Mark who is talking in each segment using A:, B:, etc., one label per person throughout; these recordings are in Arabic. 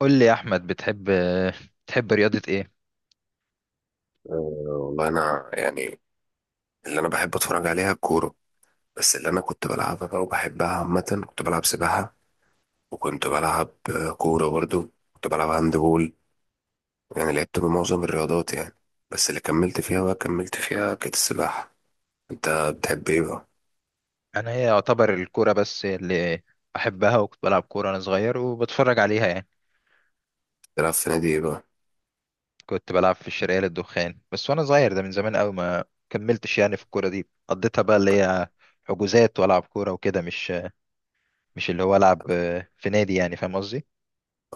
A: قول لي يا احمد بتحب رياضة ايه؟
B: آه، والله انا يعني اللي انا بحب اتفرج عليها الكوره. بس اللي انا كنت بلعبها بقى وبحبها عامه كنت بلعب سباحه، وكنت بلعب كوره، برضو كنت بلعب هاند بول، يعني لعبت بمعظم الرياضات يعني. بس اللي كملت فيها بقى كملت فيها كانت السباحه. انت بتحب ايه بقى؟
A: انا هي يعتبر الكورة بس اللي احبها، وكنت بلعب كورة وانا صغير وبتفرج عليها يعني.
B: بتلعب في نادي ايه بقى؟
A: كنت بلعب في الشرقية للدخان بس وانا صغير، ده من زمان قوي ما كملتش يعني في الكورة دي، قضيتها بقى اللي هي حجوزات والعب كورة وكده، مش مش اللي هو العب في نادي، يعني فاهم قصدي.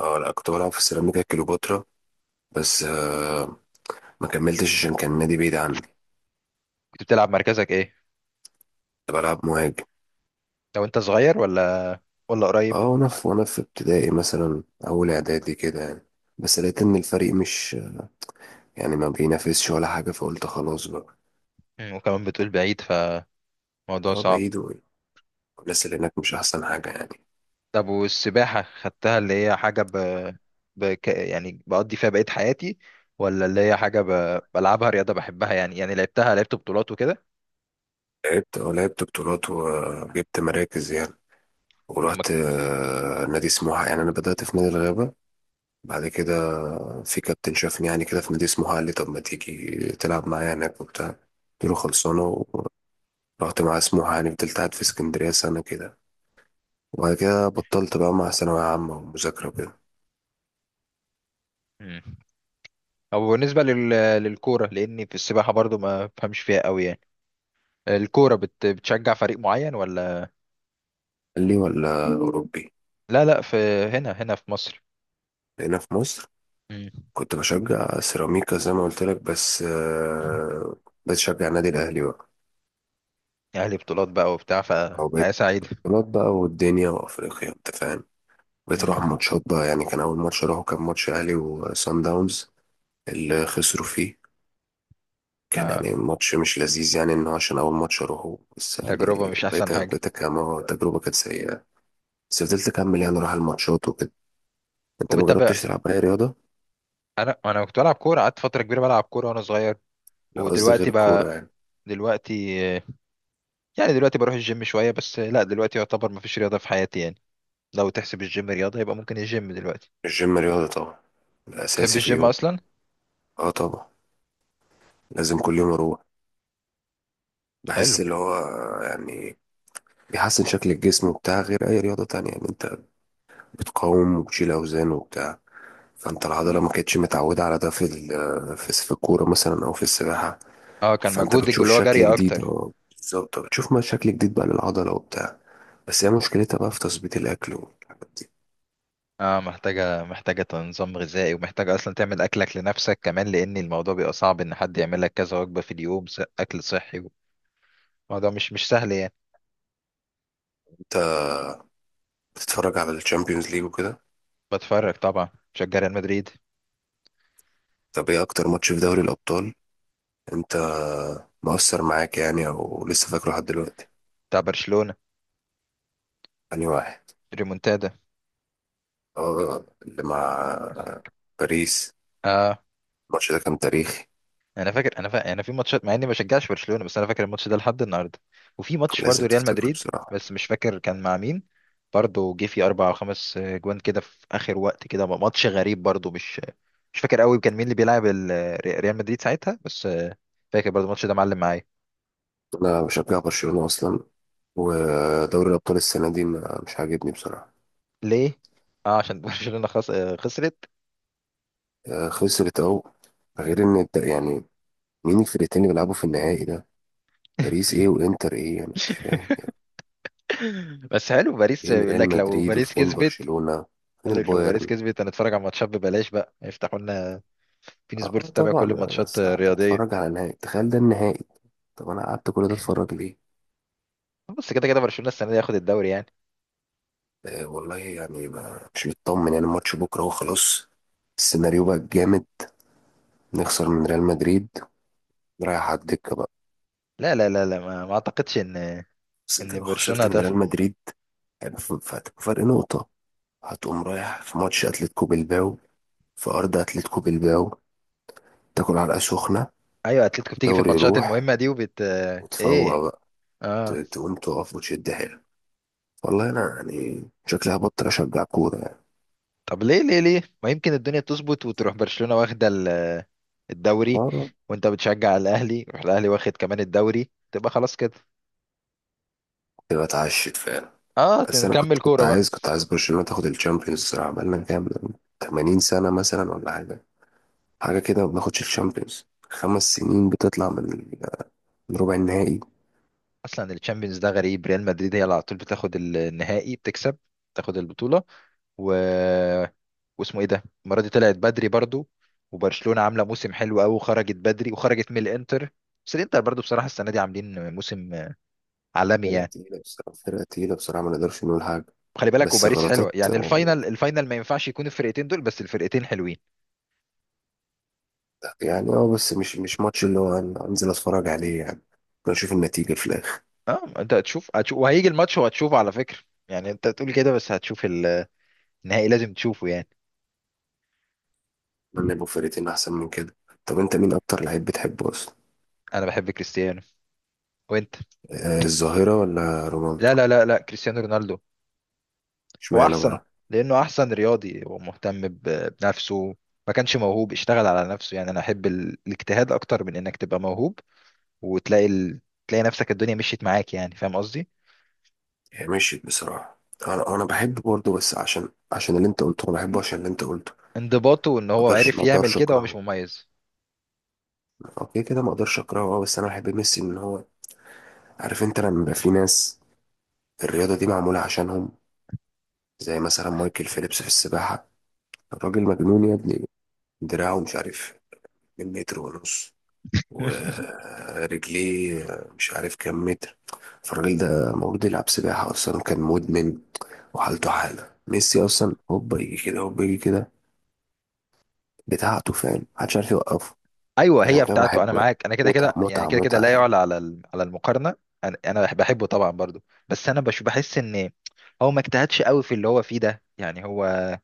B: اه لا، كنت بلعب في سيراميكا كليوباترا، بس ما كملتش عشان كان النادي بعيد عني.
A: كنت بتلعب مركزك ايه؟
B: كنت بلعب مهاجم.
A: لو انت صغير ولا قريب؟
B: اه وانا في ابتدائي مثلا اول اعدادي كده يعني، بس لقيت ان الفريق مش يعني ما بينافسش ولا حاجة، فقلت خلاص بقى.
A: مم، وكمان بتقول بعيد، فموضوع
B: اه
A: صعب.
B: بعيد، والناس اللي هناك مش أحسن حاجة يعني.
A: طب والسباحة خدتها اللي هي حاجة يعني بقضي فيها بقية حياتي، ولا اللي هي حاجة بلعبها رياضة بحبها يعني، يعني لعبتها، لعبت بطولات وكده؟
B: لعبت بطولات وجبت مراكز يعني،
A: أما
B: ورحت نادي سموحة، يعني أنا بدأت في نادي الغابة، بعد كده في كابتن شافني يعني كده في نادي سموحة، قال لي طب ما تيجي تلعب معايا هناك وبتاع، قلت له خلصانة. ورحت مع سموحة، يعني فضلت قاعد في اسكندرية سنة كده، وبعد كده بطلت بقى مع ثانوية عامة ومذاكرة وكده.
A: مم. أو بالنسبة للكورة، لأني في السباحة برضو ما بفهمش فيها قوي يعني. الكورة بتشجع فريق معين ولا؟
B: قال لي ولا أوروبي؟
A: لا لا، في هنا، هنا في مصر.
B: هنا في مصر.
A: مم.
B: كنت بشجع سيراميكا زي ما قلت لك بس بقيت اشجع النادي الاهلي بقى.
A: أهلي بطولات بقى وبتاع،
B: او بقيت
A: فحياة سعيدة.
B: بطولات بقى والدنيا وافريقيا، انت فاهم. بقيت اروح
A: مم.
B: ماتشات بقى يعني، كان اول ماتش اروحه كان ماتش اهلي وسان داونز اللي خسروا فيه. كان
A: آه.
B: يعني ماتش مش لذيذ يعني، انه عشان اول ماتش اروحه بس يعني.
A: تجربة مش أحسن
B: بقيت
A: حاجة.
B: بقيت كمان تجربه كانت سيئه، بس فضلت اكمل يعني اروح الماتشات وكده. انت ما
A: وبتابع.
B: جربتش تلعب اي رياضه؟
A: أنا كنت بلعب كورة، قعدت فترة كبيرة بلعب كورة وأنا صغير.
B: لا قصدي غير
A: ودلوقتي
B: الكوره
A: بقى،
B: يعني.
A: دلوقتي، يعني دلوقتي بروح الجيم شوية بس، لا دلوقتي يعتبر مفيش رياضة في حياتي يعني. لو تحسب الجيم رياضة يبقى ممكن الجيم دلوقتي.
B: الجيم رياضه طبعا،
A: تحب
B: الاساسي في
A: الجيم
B: اليوم.
A: أصلا؟
B: اه طبعا، لازم كل يوم اروح،
A: حلو.
B: بحس اللي هو يعني بيحسن شكل الجسم وبتاع، غير اي رياضة تانية يعني. انت بتقاوم وبتشيل اوزان وبتاع، فانت العضلة ما كانتش متعودة على ده في الكورة مثلا او في السباحة.
A: اه كان
B: فانت
A: مجهودك
B: بتشوف
A: اللي هو
B: شكل
A: جري
B: جديد،
A: أكتر.
B: اه بالظبط، بتشوف ما شكل جديد بقى للعضلة وبتاع. بس هي مشكلتها بقى في تظبيط الاكل والحاجات دي.
A: اه، محتاجة محتاجة نظام غذائي، ومحتاجة أصلا تعمل أكلك لنفسك كمان، لأن الموضوع بيبقى صعب إن حد يعمل لك كذا وجبة في اليوم، أكل صحي. الموضوع مش سهل يعني.
B: انت بتتفرج على الشامبيونز ليج وكده؟
A: بتفرج طبعا. بشجع ريال مدريد.
B: طب ايه اكتر ماتش في دوري الابطال انت مؤثر معاك يعني او لسه فاكره لحد دلوقتي؟
A: بتاع برشلونة.
B: انهي واحد؟
A: ريمونتادا.
B: اه اللي مع باريس.
A: اه.
B: الماتش ده كان تاريخي،
A: انا فاكر، انا في ماتشات مع اني ما بشجعش برشلونه، بس انا فاكر الماتش ده لحد النهارده. وفي ماتش برضو
B: لازم
A: ريال
B: تفتكره
A: مدريد
B: بصراحة.
A: بس مش فاكر كان مع مين. برضو جه فيه اربع او خمس جوان كده في اخر وقت، كده ماتش غريب برضو. مش فاكر قوي كان مين اللي بيلعب ريال مدريد ساعتها، بس فاكر برضو الماتش ده معلم معايا.
B: أنا بشجع برشلونة أصلا، ودوري الأبطال السنة دي مش عاجبني بصراحة.
A: ليه؟ اه عشان برشلونه خسرت.
B: خسرت أهو، غير إن يعني مين الفرقتين اللي بيلعبوا في النهائي ده؟ باريس إيه وإنتر إيه، أنا مش فاهم يعني.
A: بس حلو باريس،
B: فين
A: يقول
B: ريال
A: لك لو
B: مدريد
A: باريس
B: وفين
A: كسبت.
B: برشلونة؟ فين
A: قال لك لو باريس
B: البايرن؟
A: كسبت هنتفرج على ماتشات ببلاش بقى، يفتحوا لنا بين سبورت
B: اه
A: تتابع كل
B: طبعا يعني،
A: الماتشات
B: بس
A: الرياضيه.
B: هتتفرج على نهائي؟ تخيل ده النهائي. طب أنا قعدت كل ده أتفرج ليه؟
A: بس كده كده برشلونه السنه دي هياخد الدوري يعني.
B: والله يعني مش مطمن يعني، الماتش بكرة هو خلاص. السيناريو بقى جامد، نخسر من ريال مدريد، رايح على الدكة بقى.
A: لا، ما اعتقدش ان
B: بس انت لو
A: برشلونه
B: خسرت من
A: هتخسر.
B: ريال مدريد يعني فهتبقى فرق نقطة، هتقوم رايح في ماتش أتلتيكو بلباو في أرض أتلتيكو بلباو، تاكل علقة سخنة،
A: ايوه، اتلتيكو بتيجي في
B: دوري
A: الماتشات
B: يروح
A: المهمه دي وبت...
B: وتفوق
A: ايه؟
B: بقى،
A: اه.
B: تقوم تقف وتشد حيلك. والله أنا يعني شكلي هبطل أشجع كورة يعني.
A: طب ليه؟ ليه ما يمكن الدنيا تظبط وتروح برشلونه واخده الدوري،
B: اه
A: وانت بتشجع الاهلي يروح الاهلي واخد كمان الدوري، تبقى خلاص كده.
B: تبقى اتعشت فعلا.
A: اه
B: بس انا كنت
A: نكمل
B: كنت
A: كوره بقى.
B: عايز كنت عايز برشلونه تاخد الشامبيونز الصراحه، بقالنا كام 80 سنه مثلا ولا حاجه، حاجه كده ما بناخدش الشامبيونز. 5 سنين بتطلع من ربع النهائي.
A: اصلا الشامبيونز ده غريب، ريال مدريد هي اللي على طول بتاخد النهائي، بتكسب تاخد البطوله. و... واسمه ايه ده، المره دي طلعت بدري برضو، وبرشلونه عامله موسم حلو قوي وخرجت بدري، وخرجت من الانتر. بس الانتر برضو بصراحه السنه دي عاملين موسم عالمي
B: فرقه
A: يعني.
B: تقيله بصراحه فرقه تقيله بصراحه، ما نقدرش نقول حاجه.
A: خلي بالك،
B: بس
A: وباريس
B: غلطات.
A: حلوه يعني،
B: آه،
A: الفاينل ما ينفعش يكون الفرقتين دول، بس الفرقتين حلوين.
B: يعني بس مش ماتش اللي هو انزل اتفرج عليه يعني، بنشوف النتيجه في الاخر.
A: اه انت هتشوف وهيجي الماتش وهتشوفه على فكره. يعني انت تقول كده بس هتشوف النهائي، لازم تشوفه يعني.
B: اتمنى يبقوا فرقتين احسن من كده. طب انت مين اكتر لعيب بتحبه اصلا؟
A: انا بحب كريستيانو، وانت؟
B: آه الظاهره ولا رونالدو؟
A: لا، كريستيانو رونالدو. هو
B: اشمعنى
A: احسن،
B: بقى؟
A: لانه احسن رياضي ومهتم بنفسه. ما كانش موهوب، اشتغل على نفسه يعني. انا احب الاجتهاد اكتر من انك تبقى موهوب وتلاقي تلاقي نفسك الدنيا مشيت معاك، يعني فاهم قصدي.
B: هي مشيت بصراحة. انا بحب برضه، بس عشان اللي انت قلته، انا بحبه عشان اللي انت قلته.
A: انضباطه وان
B: ما
A: هو
B: اقدرش
A: عرف
B: ما
A: يعمل
B: اقدرش
A: كده، هو مش
B: اكرهه.
A: مميز.
B: اوكي كده، ما اقدرش اكرهه اه، بس انا بحب ميسي ان هو. عارف انت لما يبقى في ناس الرياضة دي معمولة عشانهم؟ زي مثلا مايكل فيليبس في السباحة، الراجل مجنون يا ابني. دراعه مش عارف من متر ونص، ورجليه مش عارف كام متر. فالراجل ده المفروض يلعب سباحة أصلا، كان مدمن، وحالته حالة ميسي أصلا، هوبا يجي كده هوبا يجي كده، بتاعته فاهم، محدش عارف يوقفه.
A: ايوه هي
B: عشان كده
A: بتاعته، انا
B: بحبه يعني،
A: معاك، انا كده
B: متعة
A: كده يعني،
B: متعة
A: كده كده
B: متعة
A: لا
B: يعني.
A: يعلى على على المقارنه. بحبه طبعا برضو، بس انا بش بحس ان هو ما اجتهدش قوي في اللي هو فيه ده يعني.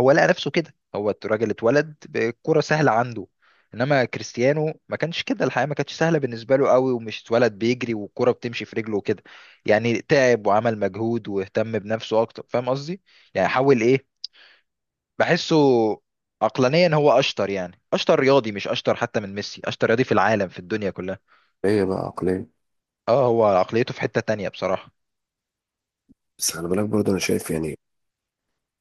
A: هو لقى نفسه كده، هو الراجل اتولد بالكرة سهلة عنده. انما كريستيانو ما كانش كده، الحياة ما كانتش سهلة بالنسبة له قوي، ومش اتولد بيجري والكرة بتمشي في رجله وكده. يعني تعب وعمل مجهود واهتم بنفسه اكتر، فاهم قصدي. يعني حاول ايه. بحسه عقلانيا هو اشطر، يعني اشطر رياضي، مش اشطر حتى من ميسي، اشطر رياضي في العالم، في الدنيا كلها.
B: هي بقى عقلية.
A: اه هو عقليته في حتة تانية بصراحة.
B: بس خلي بالك برضه، أنا شايف يعني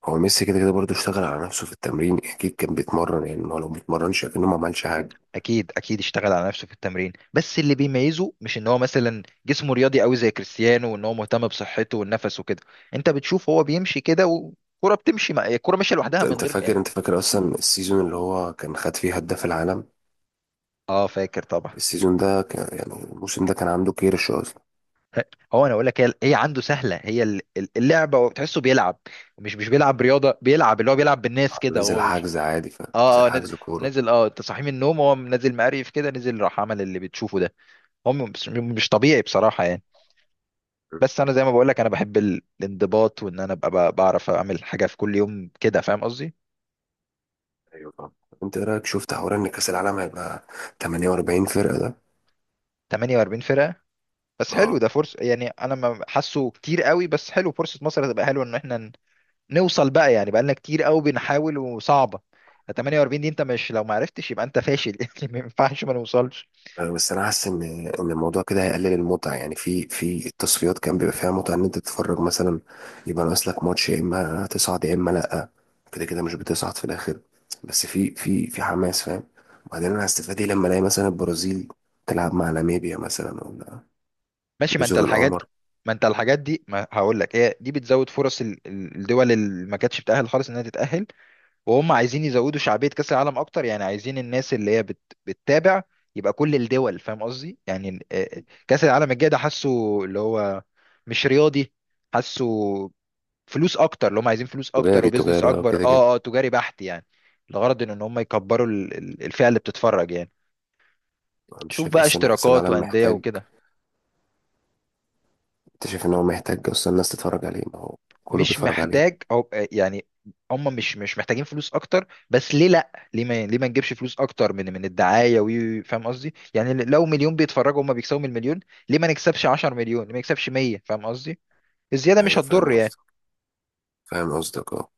B: هو ميسي كده كده برضه اشتغل على نفسه في التمرين، أكيد كان بيتمرن يعني، ما هو لو ما بيتمرنش أكنه ما عملش حاجة.
A: اكيد اشتغل على نفسه في التمرين، بس اللي بيميزه مش ان هو مثلا جسمه رياضي قوي زي كريستيانو، وان هو مهتم بصحته والنفس وكده. انت بتشوف هو بيمشي كده والكرة بتمشي، مع الكرة ماشية
B: أنت
A: لوحدها من
B: أنت
A: غير
B: فاكر
A: يعني.
B: أنت فاكر أصلا السيزون اللي هو كان خد فيه هداف العالم؟
A: اه فاكر طبعا.
B: السيزون ده كان يعني الموسم ده كان عنده كيرش أصلا.
A: هو انا اقول لك هي عنده سهلة هي اللعبة، وتحسه بيلعب مش بيلعب رياضة، بيلعب اللي هو بيلعب بالناس كده،
B: نزل
A: هو مش...
B: حجز عادي فاهم،
A: اه
B: نزل
A: اه نازل،
B: حجز كورة.
A: اه انت صاحي من النوم هو نازل مقريف كده، نزل راح عمل اللي بتشوفه ده. هو مش طبيعي بصراحة يعني.
B: أمم،
A: بس انا زي ما بقول لك، انا بحب الانضباط، وان انا ابقى بعرف اعمل حاجه في كل يوم كده، فاهم قصدي.
B: أيوة طبعا. أنت إيه رأيك شفت حوار إن كأس العالم هيبقى 48 فرقة ده؟
A: 48 فرقه؟ بس حلو
B: اه.
A: ده فرصه، يعني انا ما حاسه كتير قوي، بس حلو فرصه، مصر هتبقى حلوه ان احنا نوصل بقى يعني، بقى لنا كتير قوي بنحاول وصعبه. 48 دي انت مش لو ما عرفتش يبقى انت فاشل يعني، ما ينفعش ما نوصلش.
B: بس انا حاسس ان الموضوع كده هيقلل المتعه يعني، في التصفيات كان بيبقى فيها متعه ان انت تتفرج مثلا، يبقى ناقص لك ماتش، يا اما تصعد يا اما لا. كده كده مش بتصعد في الاخر، بس في حماس فاهم. وبعدين انا هستفاد ايه لما الاقي مثلا البرازيل تلعب مع ناميبيا مثلا ولا
A: ماشي، ما انت
B: جزر
A: الحاجات...
B: القمر؟
A: ما انت الحاجات دي ما هقول لك هي دي بتزود فرص الدول اللي ما كانتش بتأهل خالص انها تتأهل. وهم عايزين يزودوا شعبية كأس العالم أكتر، يعني عايزين الناس اللي هي بتتابع يبقى كل الدول، فاهم قصدي يعني. كأس العالم الجاي ده حاسه اللي هو مش رياضي، حاسه فلوس أكتر اللي هم عايزين، فلوس أكتر
B: تجاري
A: وبزنس
B: تجاري اه،
A: أكبر.
B: كده كده.
A: اه تجاري بحت يعني. الغرض إن هم يكبروا الفئة اللي بتتفرج يعني.
B: انت
A: شوف
B: شايف
A: بقى
B: اصلا ان كاس
A: اشتراكات
B: العالم
A: وأندية
B: محتاج؟
A: وكده.
B: انت شايف ان هو محتاج اصلا الناس تتفرج عليه؟ ما هو كله
A: مش
B: بيتفرج
A: محتاج،
B: عليه.
A: او يعني هم مش محتاجين فلوس اكتر، بس ليه لا، ليه ما، ليه ما نجيبش فلوس اكتر من الدعايه فاهم قصدي يعني؟ لو مليون بيتفرجوا هم بيكسبوا من المليون، ليه ما نكسبش 10 مليون، ليه ما نكسبش 100، فاهم قصدي. الزياده مش
B: ايوه فاهم
A: هتضر
B: قصدك
A: يعني.
B: فاهم قصدك اه.